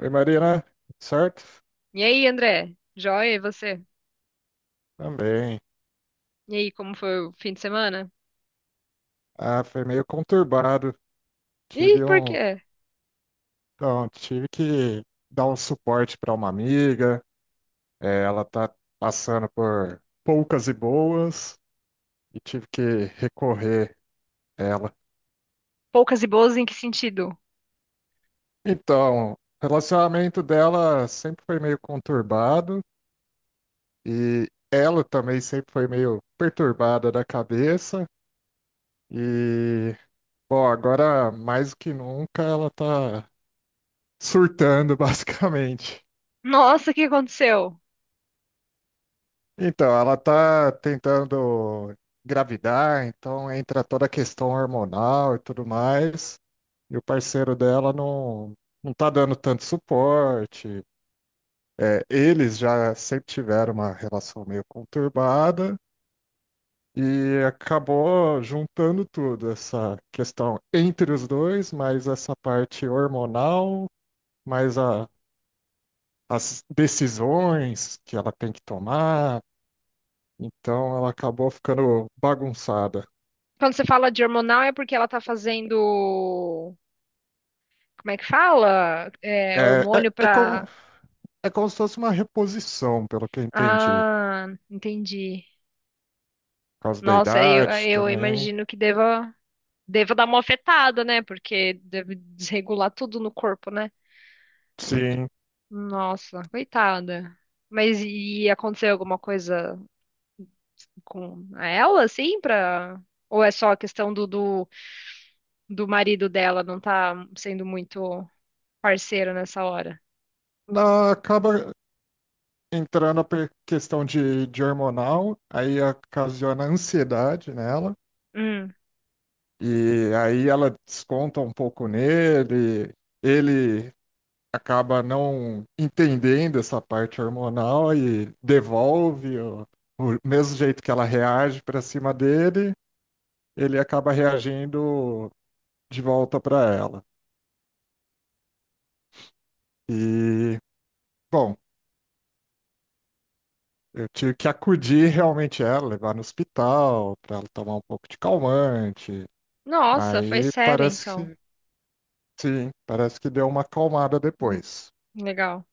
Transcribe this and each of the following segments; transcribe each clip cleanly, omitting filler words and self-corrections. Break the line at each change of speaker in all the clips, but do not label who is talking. Oi, Marina, certo?
E aí, André? Joia, e você?
Também.
E aí, como foi o fim de semana?
Ah, foi meio conturbado.
Ih,
Tive
por
um,
quê?
tive que dar um suporte para uma amiga. Ela tá passando por poucas e boas e tive que recorrer a ela.
Poucas e boas em que sentido?
Então, o relacionamento dela sempre foi meio conturbado e ela também sempre foi meio perturbada da cabeça. E, bom, agora mais do que nunca ela tá surtando, basicamente.
Nossa, o que aconteceu?
Então, ela tá tentando engravidar, então entra toda a questão hormonal e tudo mais, e o parceiro dela não tá dando tanto suporte. É, eles já sempre tiveram uma relação meio conturbada e acabou juntando tudo, essa questão entre os dois, mais essa parte hormonal, mais as decisões que ela tem que tomar. Então ela acabou ficando bagunçada.
Quando você fala de hormonal é porque ela tá fazendo. Como é que fala? É,
É, é,
hormônio
é como,
pra.
é como se fosse uma reposição, pelo que eu entendi.
Ah, entendi.
Por causa da
Nossa, eu,
idade
eu
também.
imagino que deva dar uma afetada, né? Porque deve desregular tudo no corpo, né?
Sim.
Nossa, coitada. Mas e aconteceu alguma coisa com ela, assim, pra. Ou é só a questão do marido dela não tá sendo muito parceiro nessa hora?
Acaba entrando a questão de hormonal, aí ocasiona ansiedade nela.
Hum.
E aí ela desconta um pouco nele. Ele acaba não entendendo essa parte hormonal e devolve o mesmo jeito que ela reage para cima dele. Ele acaba reagindo de volta para ela. E, bom, eu tive que acudir realmente ela, levar no hospital, para ela tomar um pouco de calmante.
Nossa, foi
Aí
sério,
parece
então.
sim, parece que deu uma acalmada depois.
Legal.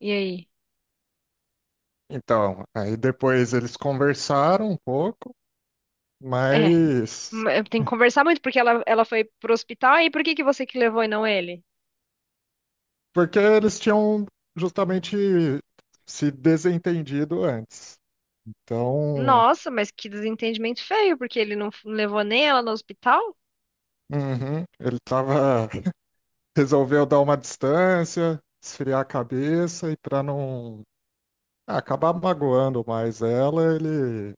E aí?
Então, aí depois eles conversaram um pouco,
É,
mas
tem que conversar muito, porque ela foi pro hospital, e por que que você que levou e não ele?
porque eles tinham justamente se desentendido antes. Então,
Nossa, mas que desentendimento feio, porque ele não levou nem ela no hospital?
uhum, ele estava resolveu dar uma distância, esfriar a cabeça e para não acabar magoando mais ela, ele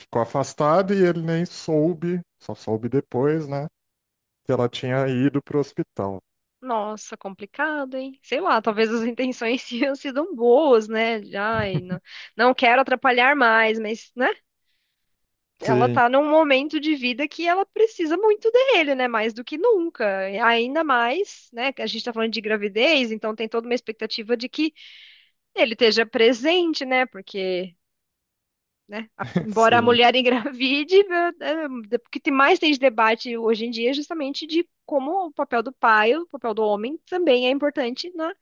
ficou afastado e ele nem soube, só soube depois, né, que ela tinha ido pro hospital.
Nossa, complicado, hein? Sei lá, talvez as intenções tenham sido boas, né? Ai, não, não quero atrapalhar mais, mas, né? Ela
Sim,
tá num momento de vida que ela precisa muito dele, né? Mais do que nunca. Ainda mais, né? Que a gente tá falando de gravidez, então tem toda uma expectativa de que ele esteja presente, né? Porque, né, embora a
sim.
mulher engravide, né, é, o que mais tem de debate hoje em dia é justamente de como o papel do pai, o papel do homem também é importante na,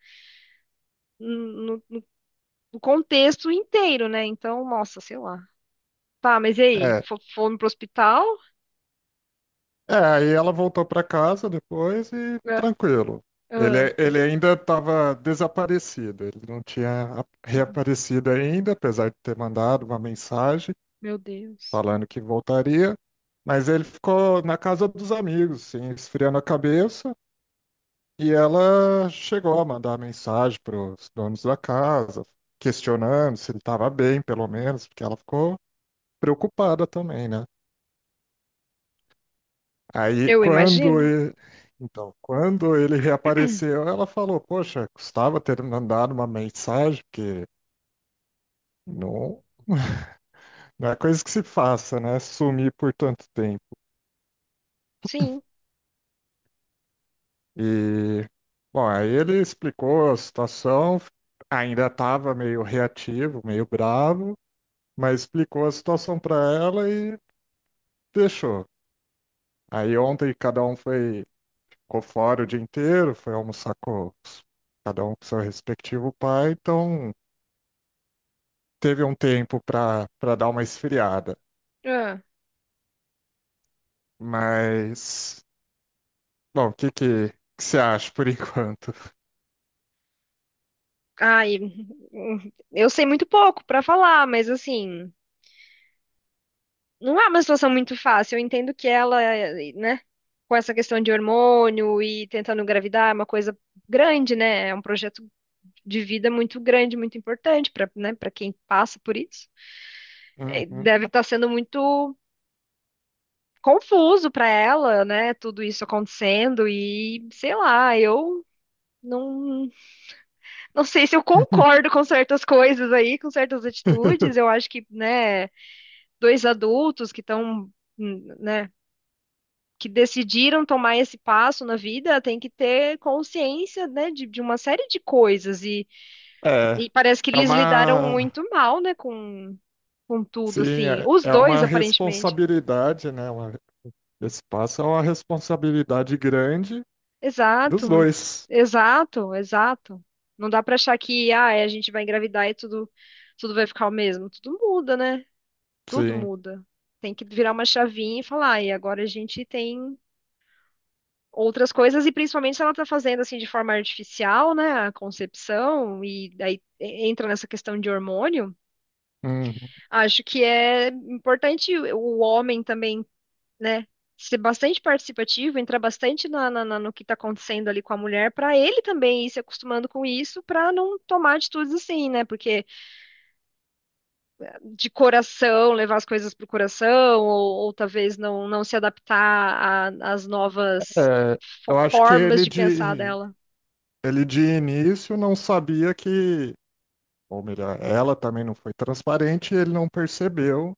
no, no contexto inteiro, né? Então, nossa, sei lá. Tá, mas e aí?
É.
Fomos pro hospital?
É, aí ela voltou para casa depois e
Ah,
tranquilo.
ah.
Ele ainda estava desaparecido, ele não tinha reaparecido ainda, apesar de ter mandado uma mensagem
Meu Deus.
falando que voltaria, mas ele ficou na casa dos amigos, assim, esfriando a cabeça, e ela chegou a mandar mensagem para os donos da casa, questionando se ele estava bem, pelo menos, porque ela ficou preocupada também, né? Aí
Eu
quando
imagino.
ele, então, quando ele reapareceu, ela falou: "Poxa, custava ter mandado uma mensagem, porque não, não é coisa que se faça, né? Sumir por tanto tempo."
Sim.
E, bom, aí ele explicou a situação, ainda estava meio reativo, meio bravo, mas explicou a situação para ela e deixou. Aí ontem cada um foi, ficou fora o dia inteiro, foi almoçar com cada um com seu respectivo pai, então teve um tempo para dar uma esfriada.
Ah,
Mas, bom, que você acha por enquanto?
ai, eu sei muito pouco pra falar, mas assim, não é uma situação muito fácil. Eu entendo que ela, né, com essa questão de hormônio e tentando engravidar, é uma coisa grande, né? É um projeto de vida muito grande, muito importante para, né, para quem passa por isso.
Uhum.
Deve estar sendo muito confuso pra ela, né? Tudo isso acontecendo e sei lá, eu não. Não sei se eu concordo com certas coisas aí, com certas atitudes. Eu acho que, né, dois adultos que estão, né, que decidiram tomar esse passo na vida, tem que ter consciência, né, de uma série de coisas. E,
É,
e parece que
é
eles lidaram
uma
muito mal, né, com tudo,
Sim,
assim. Os
é uma
dois, aparentemente.
responsabilidade, né? Uma, esse passo é uma responsabilidade grande dos
Exato, muito,
dois.
exato, exato. Não dá pra achar que, ah, é, a gente vai engravidar e tudo, tudo vai ficar o mesmo. Tudo muda, né? Tudo
Sim.
muda. Tem que virar uma chavinha e falar, e agora a gente tem outras coisas, e principalmente se ela está fazendo assim de forma artificial, né, a concepção, e aí entra nessa questão de hormônio,
Uhum.
acho que é importante o homem também, né, ser bastante participativo, entrar bastante no que está acontecendo ali com a mulher, para ele também ir se acostumando com isso, para não tomar atitudes assim, né, porque de coração, levar as coisas para o coração, ou talvez não se adaptar às novas
É, eu acho que
formas de pensar dela.
ele de início não sabia que, ou melhor, ela também não foi transparente, e ele não percebeu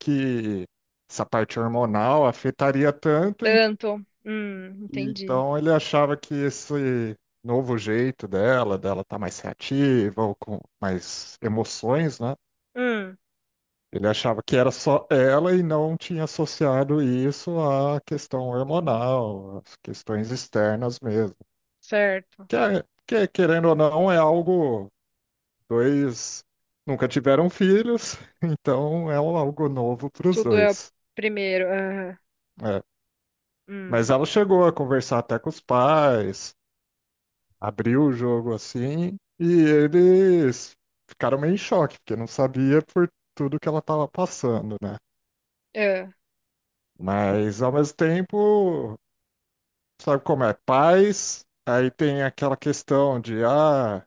que essa parte hormonal afetaria tanto,
Tanto.
e
Entendi.
então ele achava que esse novo jeito dela tá mais reativa ou com mais emoções, né?
Hum,
Ele achava que era só ela e não tinha associado isso à questão hormonal, às questões externas mesmo.
Certo.
Querendo ou não, é algo. Dois nunca tiveram filhos, então é algo novo para os
Tudo é o
dois.
primeiro. Aham.
É. Mas
Hum,
ela chegou a conversar até com os pais, abriu o jogo assim, e eles ficaram meio em choque, porque não sabia por tudo que ela estava passando, né?
é.
Mas ao mesmo tempo. Sabe como é? Paz, aí tem aquela questão de, ah,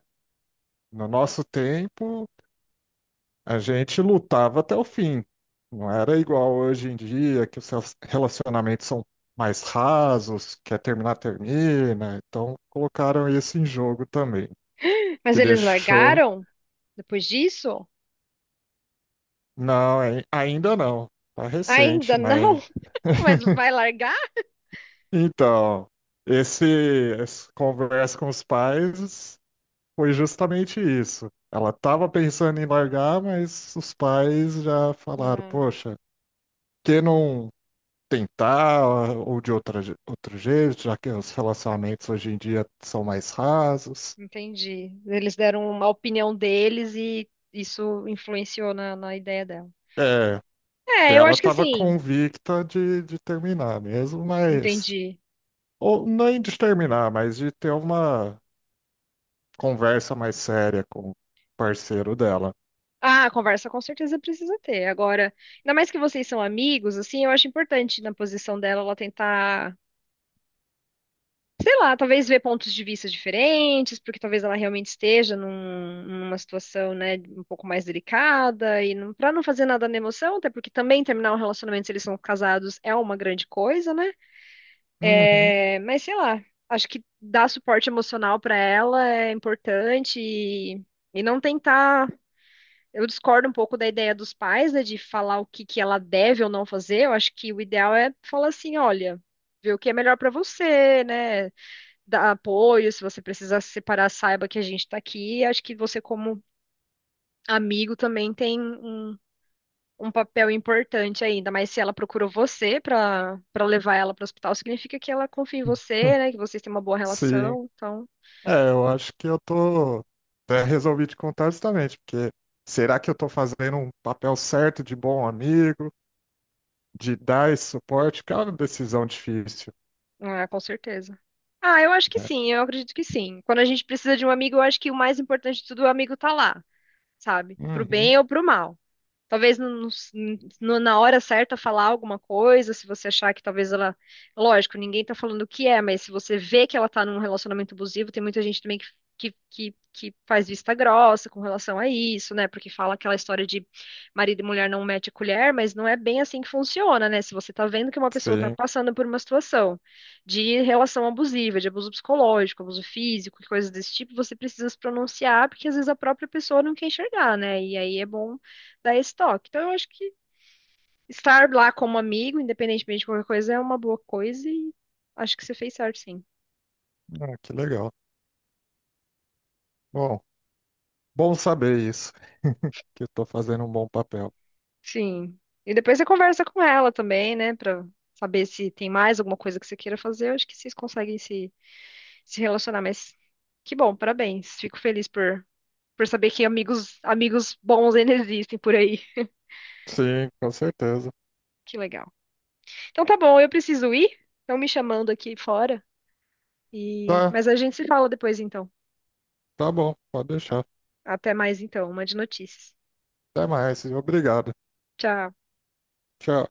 no nosso tempo a gente lutava até o fim. Não era igual hoje em dia, que os seus relacionamentos são mais rasos, quer terminar, termina. Então colocaram isso em jogo também,
Mas
que
eles
deixou.
largaram depois disso?
Não, ainda não. Tá
Ainda
recente, mas.
não? Mas vai largar?
Então, essa conversa com os pais. Foi justamente isso. Ela estava pensando em largar, mas os pais já falaram:
Ah,
Poxa, que não tentar ou de outro jeito, já que os relacionamentos hoje em dia são mais rasos.
entendi. Eles deram uma opinião deles e isso influenciou na ideia dela.
É,
É, eu
ela
acho que
estava
assim,
convicta de terminar mesmo, mas.
entendi.
Ou nem de terminar, mas de ter uma conversa mais séria com o parceiro dela.
Ah, conversa com certeza precisa ter. Agora, ainda mais que vocês são amigos, assim, eu acho importante na posição dela ela tentar, sei lá, talvez ver pontos de vista diferentes, porque talvez ela realmente esteja numa situação, né, um pouco mais delicada e não, para não fazer nada na emoção, até porque também terminar um relacionamento se eles são casados é uma grande coisa, né?
Uhum.
É, mas sei lá, acho que dar suporte emocional para ela é importante e não tentar. Eu discordo um pouco da ideia dos pais, né, de falar o que que ela deve ou não fazer. Eu acho que o ideal é falar assim, olha, ver o que é melhor para você, né? Dar apoio, se você precisar se separar, saiba que a gente tá aqui. Acho que você como amigo também tem um papel importante aí, ainda mais se ela procurou você para levar ela para o hospital, significa que ela confia em você, né, que vocês têm uma boa
Sim.
relação. Então,
É, eu acho que eu tô. Até resolvi te contar justamente, porque será que eu tô fazendo um papel certo de bom amigo, de dar esse suporte? Que é uma decisão difícil,
ah, com certeza. Ah, eu acho que
né?
sim, eu acredito que sim. Quando a gente precisa de um amigo, eu acho que o mais importante de tudo, o amigo tá lá, sabe? Pro
Uhum,
bem ou pro mal. Talvez no- na hora certa falar alguma coisa, se você achar que talvez ela. Lógico, ninguém tá falando o que é, mas se você vê que ela tá num relacionamento abusivo, tem muita gente também que faz vista grossa com relação a isso, né? Porque fala aquela história de marido e mulher não mete a colher, mas não é bem assim que funciona, né? Se você tá vendo que uma pessoa tá
sim.
passando por uma situação de relação abusiva, de abuso psicológico, abuso físico, e coisas desse tipo, você precisa se pronunciar, porque às vezes a própria pessoa não quer enxergar, né? E aí é bom dar esse toque. Então, eu acho que estar lá como amigo, independentemente de qualquer coisa, é uma boa coisa e acho que você fez certo, sim.
Ah, que legal. Bom, bom saber isso, que eu tô fazendo um bom papel.
Sim. E depois você conversa com ela também, né, pra saber se tem mais alguma coisa que você queira fazer. Eu acho que vocês conseguem se relacionar, mas que bom, parabéns. Fico feliz por saber que amigos, amigos bons ainda existem por aí.
Sim, com certeza.
Que legal. Então tá bom, eu preciso ir. Estão me chamando aqui fora.
Tá,
Mas a gente se fala depois, então.
tá bom, pode deixar.
Até mais, então. Uma de notícias.
Até mais, e obrigado.
Tchau.
Tchau.